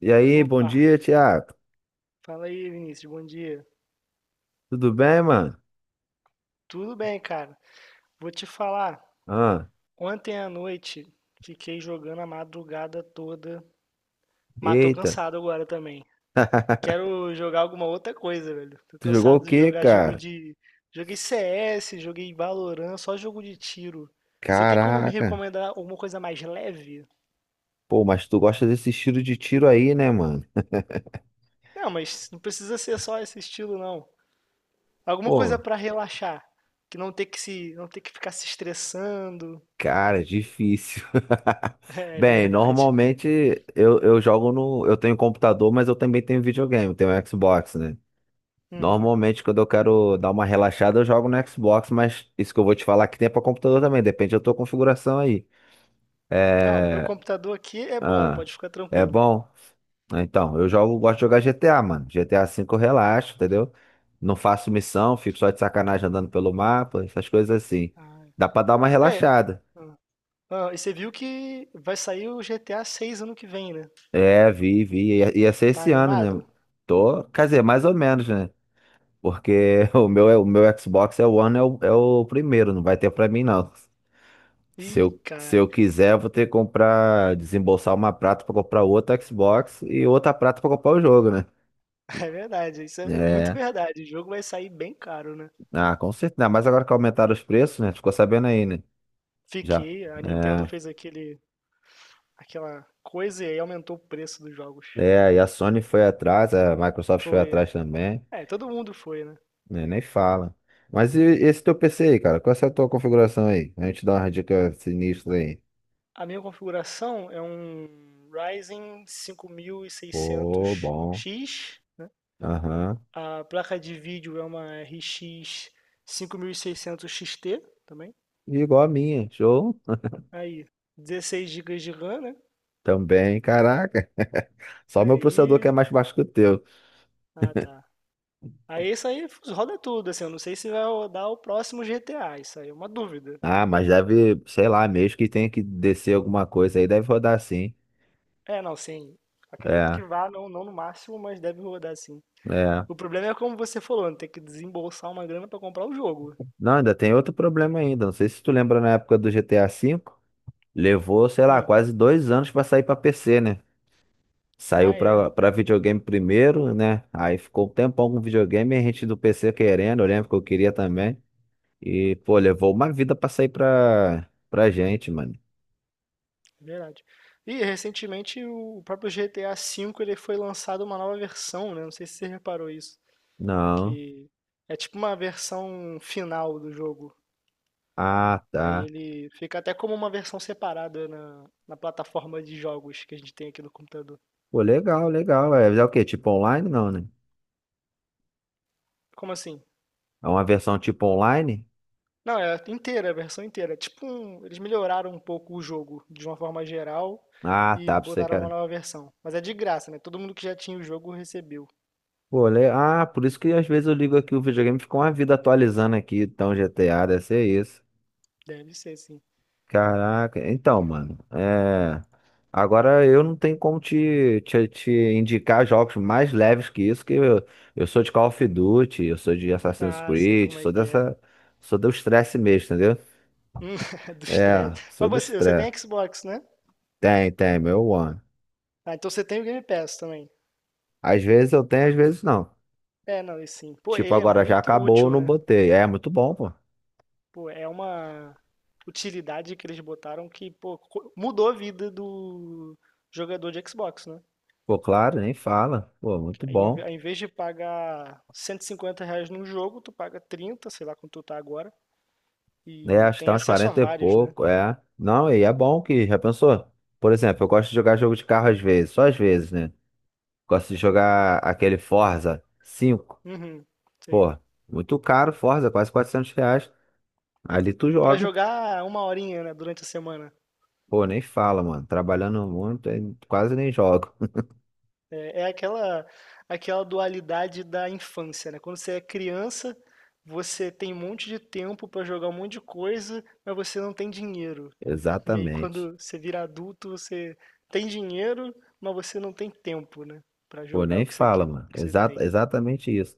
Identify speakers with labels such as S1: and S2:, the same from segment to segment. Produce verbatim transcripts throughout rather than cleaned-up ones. S1: E aí, bom
S2: Opa,
S1: dia, Thiago.
S2: fala aí, Vinícius, bom dia.
S1: Tudo bem, mano?
S2: Tudo bem, cara? Vou te falar,
S1: Ah,
S2: ontem à noite fiquei jogando a madrugada toda, mas tô
S1: eita.
S2: cansado agora também. Quero jogar alguma outra coisa, velho. Tô
S1: Tu jogou o
S2: cansado de
S1: quê,
S2: jogar jogo
S1: cara?
S2: de. Joguei C S, joguei Valorant, só jogo de tiro. Você tem como me
S1: Caraca.
S2: recomendar alguma coisa mais leve?
S1: Pô, mas tu gosta desse estilo de tiro aí, né, mano?
S2: Não, mas não precisa ser só esse estilo, não. Alguma coisa
S1: Pô,
S2: pra relaxar, que não ter que se, não ter que ficar se estressando.
S1: cara, é difícil.
S2: É
S1: Bem,
S2: verdade.
S1: normalmente eu, eu jogo no. Eu tenho computador, mas eu também tenho videogame, tenho Xbox, né?
S2: Uhum.
S1: Normalmente, quando eu quero dar uma relaxada, eu jogo no Xbox, mas isso que eu vou te falar que tem pra computador também, depende da tua configuração aí.
S2: Não, o meu
S1: É.
S2: computador aqui é bom,
S1: Ah,
S2: pode ficar
S1: é
S2: tranquilo.
S1: bom? Ah, então, eu jogo, gosto de jogar G T A, mano. G T A V eu relaxo, entendeu? Não faço missão, fico só de sacanagem andando pelo mapa, essas coisas assim.
S2: Ah,
S1: Dá pra dar uma
S2: é.
S1: relaxada.
S2: Hã. Hã, e você viu que vai sair o G T A seis ano que vem, né?
S1: É, vi, vi. Ia, ia ser
S2: Tá
S1: esse ano, né?
S2: animado?
S1: Tô, quer dizer, mais ou menos, né? Porque o meu, é- o meu Xbox é o One, é o, é o primeiro, não vai ter pra mim, não. Se
S2: Ih,
S1: eu, se
S2: cara,
S1: eu quiser, eu vou ter que comprar, desembolsar uma prata pra comprar outra Xbox e outra prata pra comprar o jogo, né?
S2: é verdade, isso é é muito
S1: É.
S2: verdade. O jogo vai sair bem caro, né?
S1: Ah, com certeza. Mas agora que aumentaram os preços, né? Tu ficou sabendo aí, né? Já.
S2: Fiquei, a Nintendo
S1: É,
S2: fez aquele, aquela coisa e aí aumentou o preço dos jogos.
S1: é, e a Sony foi atrás, a Microsoft foi
S2: Foi,
S1: atrás também,
S2: é, todo mundo foi, né?
S1: né? Nem fala. Mas e esse teu P C aí, cara? Qual é a tua configuração aí? A gente dá uma dica sinistra aí.
S2: A minha configuração é um Ryzen
S1: Pô, bom.
S2: cinco mil e seiscentos X.
S1: Aham.
S2: A placa de vídeo é uma R X cinco mil e seiscentos X T também.
S1: Igual a minha, show.
S2: Aí, dezesseis gigas de RAM, né?
S1: Também, caraca. Só meu processador que é
S2: Aí,
S1: mais baixo que o teu.
S2: ah tá. Aí isso aí roda tudo, assim, eu não sei se vai rodar o próximo G T A, isso aí é uma dúvida.
S1: Ah, mas deve, sei lá, mesmo que tenha que descer alguma coisa aí, deve rodar sim.
S2: É, não, sim. Acredito
S1: É,
S2: que vá, não, não no máximo, mas deve rodar sim.
S1: é.
S2: O problema é como você falou, né, tem que desembolsar uma grana pra comprar o jogo.
S1: Não, ainda tem outro problema ainda. Não sei se tu lembra na época do G T A V, levou, sei lá,
S2: Hum.
S1: quase dois anos pra sair pra P C, né? Saiu
S2: Ah, é, é
S1: pra, pra videogame primeiro, né? Aí ficou um tempão com videogame, e a gente do P C querendo, eu lembro que eu queria também. E, pô, levou uma vida pra sair pra, pra gente, mano.
S2: verdade. E recentemente o próprio G T A V ele foi lançado uma nova versão, né? Não sei se você reparou isso.
S1: Não.
S2: Que é tipo uma versão final do jogo.
S1: Ah,
S2: Aí
S1: tá.
S2: ele fica até como uma versão separada na, na plataforma de jogos que a gente tem aqui no computador.
S1: Pô, legal, legal. É, é o quê? Tipo online? Não, né?
S2: Como assim?
S1: É uma versão tipo online?
S2: Não, é inteira, a versão inteira. É tipo, um- eles melhoraram um pouco o jogo de uma forma geral
S1: Ah,
S2: e
S1: tá, pra você que
S2: botaram uma nova versão. Mas é de graça, né? Todo mundo que já tinha o jogo recebeu.
S1: pô, le- ah, por isso que às vezes eu ligo aqui o videogame e fica uma vida atualizando aqui, então G T A deve ser isso.
S2: Deve ser, sim.
S1: Caraca, então, mano, é... agora eu não tenho como te, te, te indicar jogos mais leves que isso, que eu, eu sou de Call of Duty, eu sou de Assassin's
S2: Ah, sei
S1: Creed,
S2: como é
S1: sou
S2: que é.
S1: dessa, sou do estresse mesmo, entendeu?
S2: Hum, Do
S1: É,
S2: estresse. Mas
S1: sou do
S2: você, você
S1: estresse.
S2: tem Xbox, né?
S1: Tem, tem, meu one.
S2: Ah, então você tem o Game Pass também.
S1: Às vezes eu tenho, às vezes não.
S2: É, não, e sim. Pô,
S1: Tipo,
S2: ele é
S1: agora já
S2: muito
S1: acabou, eu
S2: útil,
S1: não
S2: né?
S1: botei. É, muito bom, pô.
S2: Pô, é uma utilidade que eles botaram que, pô, co- mudou a vida do jogador de Xbox, né?
S1: Pô, claro, nem fala. Pô,
S2: Que
S1: muito
S2: aí, em ve- ao
S1: bom.
S2: invés de pagar cento e cinquenta reais num jogo, tu paga trinta, sei lá quanto tu tá agora,
S1: É,
S2: e
S1: acho que
S2: tem
S1: tá uns
S2: acesso a
S1: quarenta e
S2: vários, né?
S1: pouco, é. Não, e é bom que, já pensou? Por exemplo, eu gosto de jogar jogo de carro às vezes, só às vezes, né? Gosto de jogar aquele Forza cinco.
S2: Uhum, sei.
S1: Pô, muito caro Forza, quase quatrocentos reais. Ali tu
S2: E pra
S1: joga.
S2: jogar uma horinha, né, durante a semana.
S1: Pô, nem fala, mano. Trabalhando muito, aí quase nem jogo.
S2: É, é aquela, aquela dualidade da infância, né? Quando você é criança, você tem um monte de tempo pra jogar um monte de coisa, mas você não tem dinheiro. E aí,
S1: Exatamente.
S2: quando você vira adulto, você tem dinheiro, mas você não tem tempo, né? Pra
S1: Pô,
S2: jogar
S1: nem
S2: o que você,
S1: fala,
S2: que, que
S1: mano.
S2: você
S1: Exa-
S2: tem.
S1: exatamente isso.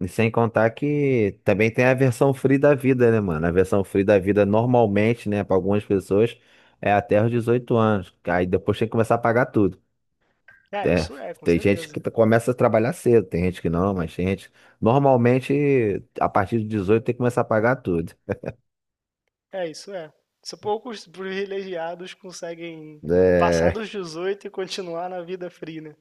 S1: E sem contar que também tem a versão free da vida, né, mano? A versão free da vida normalmente, né, para algumas pessoas é até os dezoito anos. Aí depois tem que começar a pagar tudo.
S2: É,
S1: É,
S2: isso é, com
S1: tem gente que
S2: certeza.
S1: começa a trabalhar cedo, tem gente que não, mas tem gente. Normalmente, a partir de dezoito tem que começar a pagar tudo.
S2: É, isso é. Só poucos privilegiados conseguem passar
S1: É,
S2: dos dezoito e continuar na vida free, né?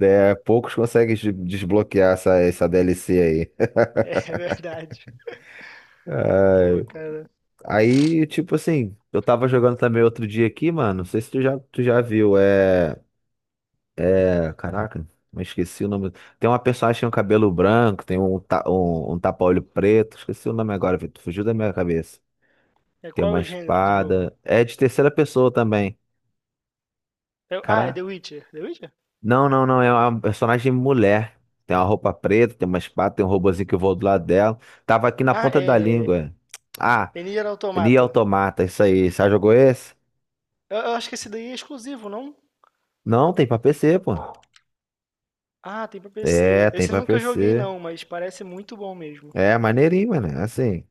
S1: é, poucos conseguem des- desbloquear essa, essa D L C aí.
S2: É verdade. Pô, cara.
S1: Aí, tipo assim, eu tava jogando também outro dia aqui, mano. Não sei se tu já, tu já viu. É. É, caraca, mas esqueci o nome. Tem uma personagem que tem um cabelo branco, tem um, ta- um, um tapa-olho preto. Esqueci o nome agora, Vitor. Fugiu da minha cabeça.
S2: É,
S1: Tem
S2: qual é
S1: uma
S2: o gênero do jogo?
S1: espada. É de terceira pessoa também.
S2: É- ah, é
S1: Cara,
S2: The Witcher. The Witcher?
S1: não, não, não. É uma personagem mulher. Tem uma roupa preta, tem uma espada, tem um robozinho que voa do lado dela. Tava aqui na
S2: Ah,
S1: ponta da
S2: é.
S1: língua. Ah,
S2: É Nier
S1: Nier
S2: Automata.
S1: Automata, isso aí. Você já jogou esse?
S2: Eu, eu acho que esse daí é exclusivo, não?
S1: Não, tem pra P C, pô.
S2: Ah, tem pra
S1: É,
S2: P C.
S1: tem
S2: Esse eu
S1: pra
S2: nunca joguei,
S1: P C.
S2: não, mas parece muito bom mesmo.
S1: É, maneirinho, mano. Assim.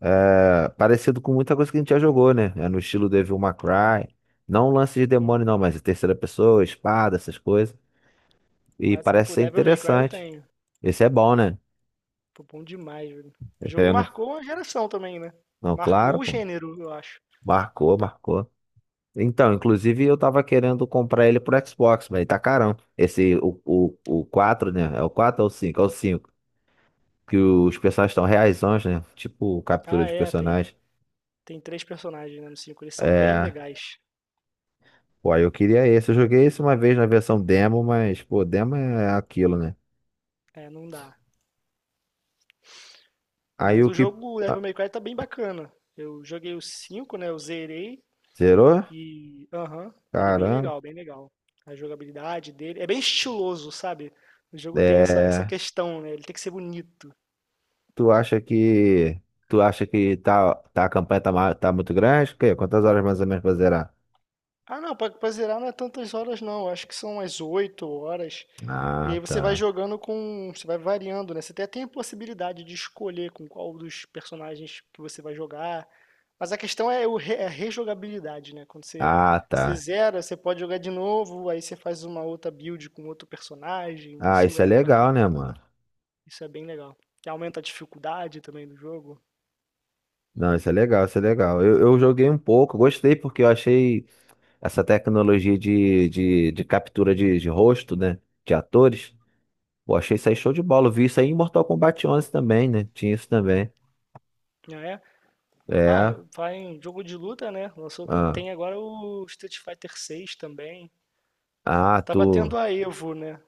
S1: É, parecido com muita coisa que a gente já jogou, né? É no estilo Devil May Cry. Não um lance de demônio,
S2: Uhum.
S1: não, mas terceira pessoa, espada, essas coisas. E
S2: Assim,
S1: parece
S2: pô,
S1: ser
S2: Devil May Cry eu
S1: interessante.
S2: tenho.
S1: Esse é bom, né?
S2: Pô, bom demais, velho. O jogo
S1: Eu não,
S2: marcou uma geração também, né?
S1: não, claro,
S2: Marcou o
S1: pô.
S2: gênero, eu acho.
S1: Marcou, marcou. Então, inclusive eu tava querendo comprar ele pro Xbox, mas ele tá carão. Esse, o, o, o quatro, né? É o quatro ou o cinco? É o cinco. Que os personagens estão reaisões, né? Tipo captura
S2: Ah,
S1: de
S2: é, tem.
S1: personagem.
S2: Tem três personagens, né, no cinco. Eles são bem
S1: É.
S2: legais.
S1: Pô, aí eu queria esse. Eu joguei esse uma vez na versão demo, mas, pô, demo é aquilo, né?
S2: É, não dá.
S1: Aí
S2: Mas
S1: o
S2: o
S1: que.
S2: jogo o Devil
S1: Ah,
S2: May Cry tá bem bacana. Eu joguei o cinco, né? Eu zerei.
S1: zerou?
S2: E, aham, ele é bem
S1: Caramba.
S2: legal, bem legal. A jogabilidade dele é bem estiloso, sabe? O jogo tem essa, essa
S1: É.
S2: questão, né? Ele tem que ser bonito.
S1: Tu acha que. Tu acha que tá, tá, a campanha tá, ma- tá muito grande? O quê? Quantas horas mais ou menos pra zerar?
S2: Ah, não, pra, pra zerar não é tantas horas, não. Acho que são umas oito horas. E
S1: Ah,
S2: aí você vai
S1: tá.
S2: jogando com, você vai variando, né? Você até tem a possibilidade de escolher com qual dos personagens que você vai jogar. Mas a questão é, o re- é a rejogabilidade, né? Quando você,
S1: Ah,
S2: você
S1: tá.
S2: zera, você pode jogar de novo, aí você faz uma outra build com outro personagem.
S1: Ah,
S2: Isso
S1: isso é
S2: é
S1: legal,
S2: bacana,
S1: né, mano?
S2: isso é bem legal. E aumenta a dificuldade também do jogo,
S1: Não, isso é legal, isso é legal. Eu, eu joguei um pouco, gostei porque eu achei essa tecnologia de, de, de captura de, de rosto, né? De atores. Pô, achei isso aí show de bola. Eu vi isso aí em Mortal Kombat onze também, né? Tinha isso também.
S2: né? Ah,
S1: É.
S2: vai em jogo de luta, né? Lançou, ta-
S1: Ah,
S2: tem agora o Street Fighter seis também.
S1: ah tu.
S2: Tava tendo a Evo, né?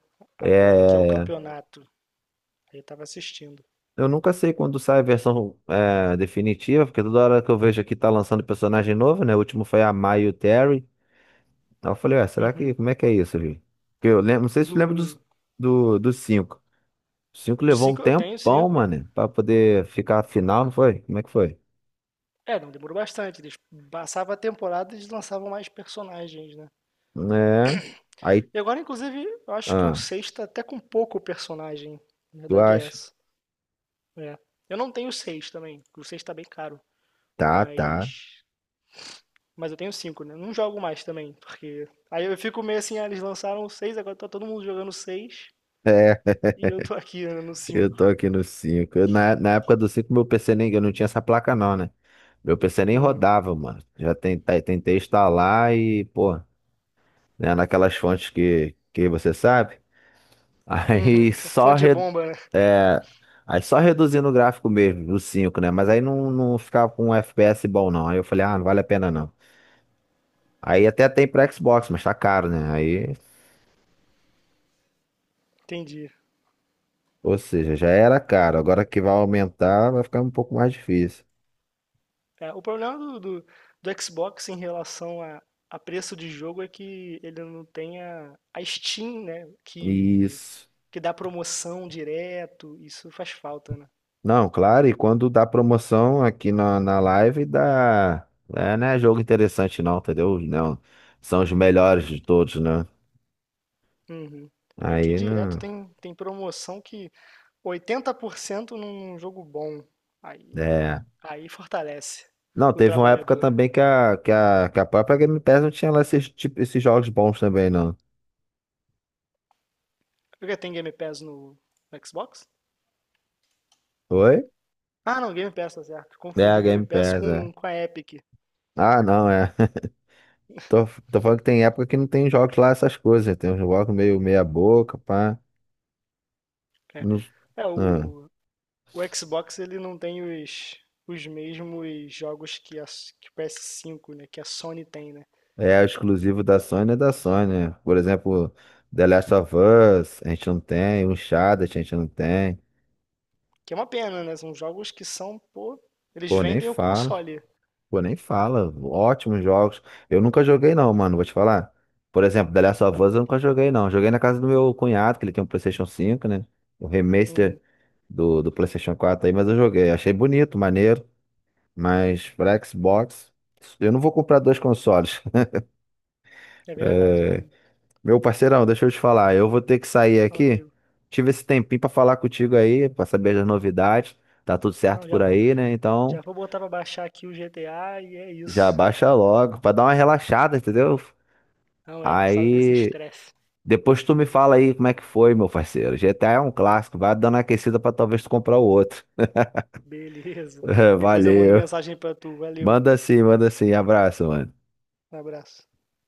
S1: É,
S2: Agora, que é o
S1: é, é.
S2: campeonato. Aí eu tava assistindo.
S1: Eu nunca sei quando sai a versão é, definitiva, porque toda hora que eu vejo aqui tá lançando personagem novo, né? O último foi a Mai e o Terry. Aí eu falei, ué, será que.
S2: Uhum.
S1: Como é que é isso, gente? Porque eu lembro, não sei se tu lembra dos,
S2: Do,
S1: do, dos cinco. Os cinco
S2: do
S1: levou um
S2: cinco eu tenho
S1: tempão,
S2: cinco.
S1: mano, pra poder ficar a final, não foi? Como é que foi?
S2: É, não demorou bastante. Eles passavam a temporada e eles lançavam mais personagens, né?
S1: É. Aí.
S2: E agora, inclusive, eu acho que o
S1: Ah,
S2: seis tá até com pouco personagem. Na
S1: tu
S2: verdade é
S1: acha?
S2: essa. É. Eu não tenho seis também, porque o seis tá bem caro.
S1: Tá, tá.
S2: Mas. Mas eu tenho cinco, né? Não jogo mais também, porque. Aí eu fico meio assim, ah, eles lançaram o seis, agora tá todo mundo jogando o seis. E eu tô aqui, né, no
S1: Eu
S2: cinco.
S1: tô aqui no cinco. Eu, na, na época do cinco, meu P C nem. Eu não tinha essa placa, não, né? Meu P C nem
S2: Uhum.
S1: rodava, mano. Já tentei, tentei instalar e, pô, né, naquelas fontes que, que você sabe. Aí só,
S2: Fonte de
S1: re,
S2: bomba, né?
S1: é, aí só reduzindo o gráfico mesmo, do cinco, né? Mas aí não, não ficava com um F P S bom, não. Aí eu falei, ah, não vale a pena, não. Aí até tem pra Xbox, mas tá caro, né? Aí,
S2: Entendi.
S1: ou seja, já era caro. Agora que vai aumentar, vai ficar um pouco mais difícil.
S2: É, o problema do, do, do Xbox em relação a, a preço de jogo é que ele não tem a, a Steam, né? Que,
S1: Isso.
S2: que dá promoção direto. Isso faz falta, né?
S1: Não, claro, e quando dá promoção aqui na, na live, dá. É, não é jogo interessante, não, entendeu? Não, são os melhores de todos, né?
S2: Uhum. Aqui
S1: Aí
S2: direto
S1: não.
S2: tem, tem promoção que oitenta por cento num jogo bom. Aí,
S1: É.
S2: aí fortalece
S1: Não,
S2: o
S1: teve uma época
S2: trabalhador.
S1: também que a, que a, que a própria Game Pass não tinha lá esses, tipo, esses jogos bons também, não.
S2: Porque tem Game Pass no, no Xbox?
S1: Oi?
S2: Ah, não, Game Pass, tá certo.
S1: É, a
S2: Confundi Game
S1: Game
S2: Pass
S1: Pass, é.
S2: com, com a Epic.
S1: Ah, não, é. Tô, tô falando que tem época que não tem jogos lá, essas coisas. Tem uns jogos meio meia boca, pá.
S2: É,
S1: Não,
S2: é
S1: ah.
S2: o, O Xbox ele não tem os, os mesmos jogos que, a, que o P S cinco, né? Que a Sony tem, né?
S1: É exclusivo da Sony, é da Sony. Né? Por exemplo, The Last of Us, a gente não tem. Uncharted, a gente não tem.
S2: Que é uma pena, né? São jogos que são, pô, eles
S1: Pô, nem
S2: vendem o
S1: fala.
S2: console.
S1: Pô, nem fala. Ótimos jogos. Eu nunca joguei não, mano, vou te falar. Por exemplo, The Last of Us eu nunca joguei não. Joguei na casa do meu cunhado, que ele tem um PlayStation cinco, né? O
S2: Uhum.
S1: remaster do, do PlayStation quatro aí, mas eu joguei. Achei bonito, maneiro. Mas pra Xbox, eu não vou comprar dois consoles.
S2: É verdade, né?
S1: Meu parceirão, deixa eu te falar, eu vou ter que sair
S2: Fala
S1: aqui.
S2: comigo.
S1: Tive esse tempinho pra falar contigo aí, pra saber das novidades. Tá tudo certo
S2: Não, já
S1: por
S2: vou,
S1: aí, né? Então,
S2: já vou botar pra baixar aqui o G T A e é
S1: já
S2: isso.
S1: baixa logo pra dar uma relaxada, entendeu?
S2: Não é, sai desse
S1: Aí,
S2: estresse.
S1: depois tu me fala aí como é que foi, meu parceiro. G T A é um clássico, vai dando uma aquecida pra talvez tu comprar o outro.
S2: Beleza. Depois eu mando
S1: Valeu.
S2: mensagem pra tu. Valeu.
S1: Manda sim, manda sim. Abraço, mano.
S2: Um abraço.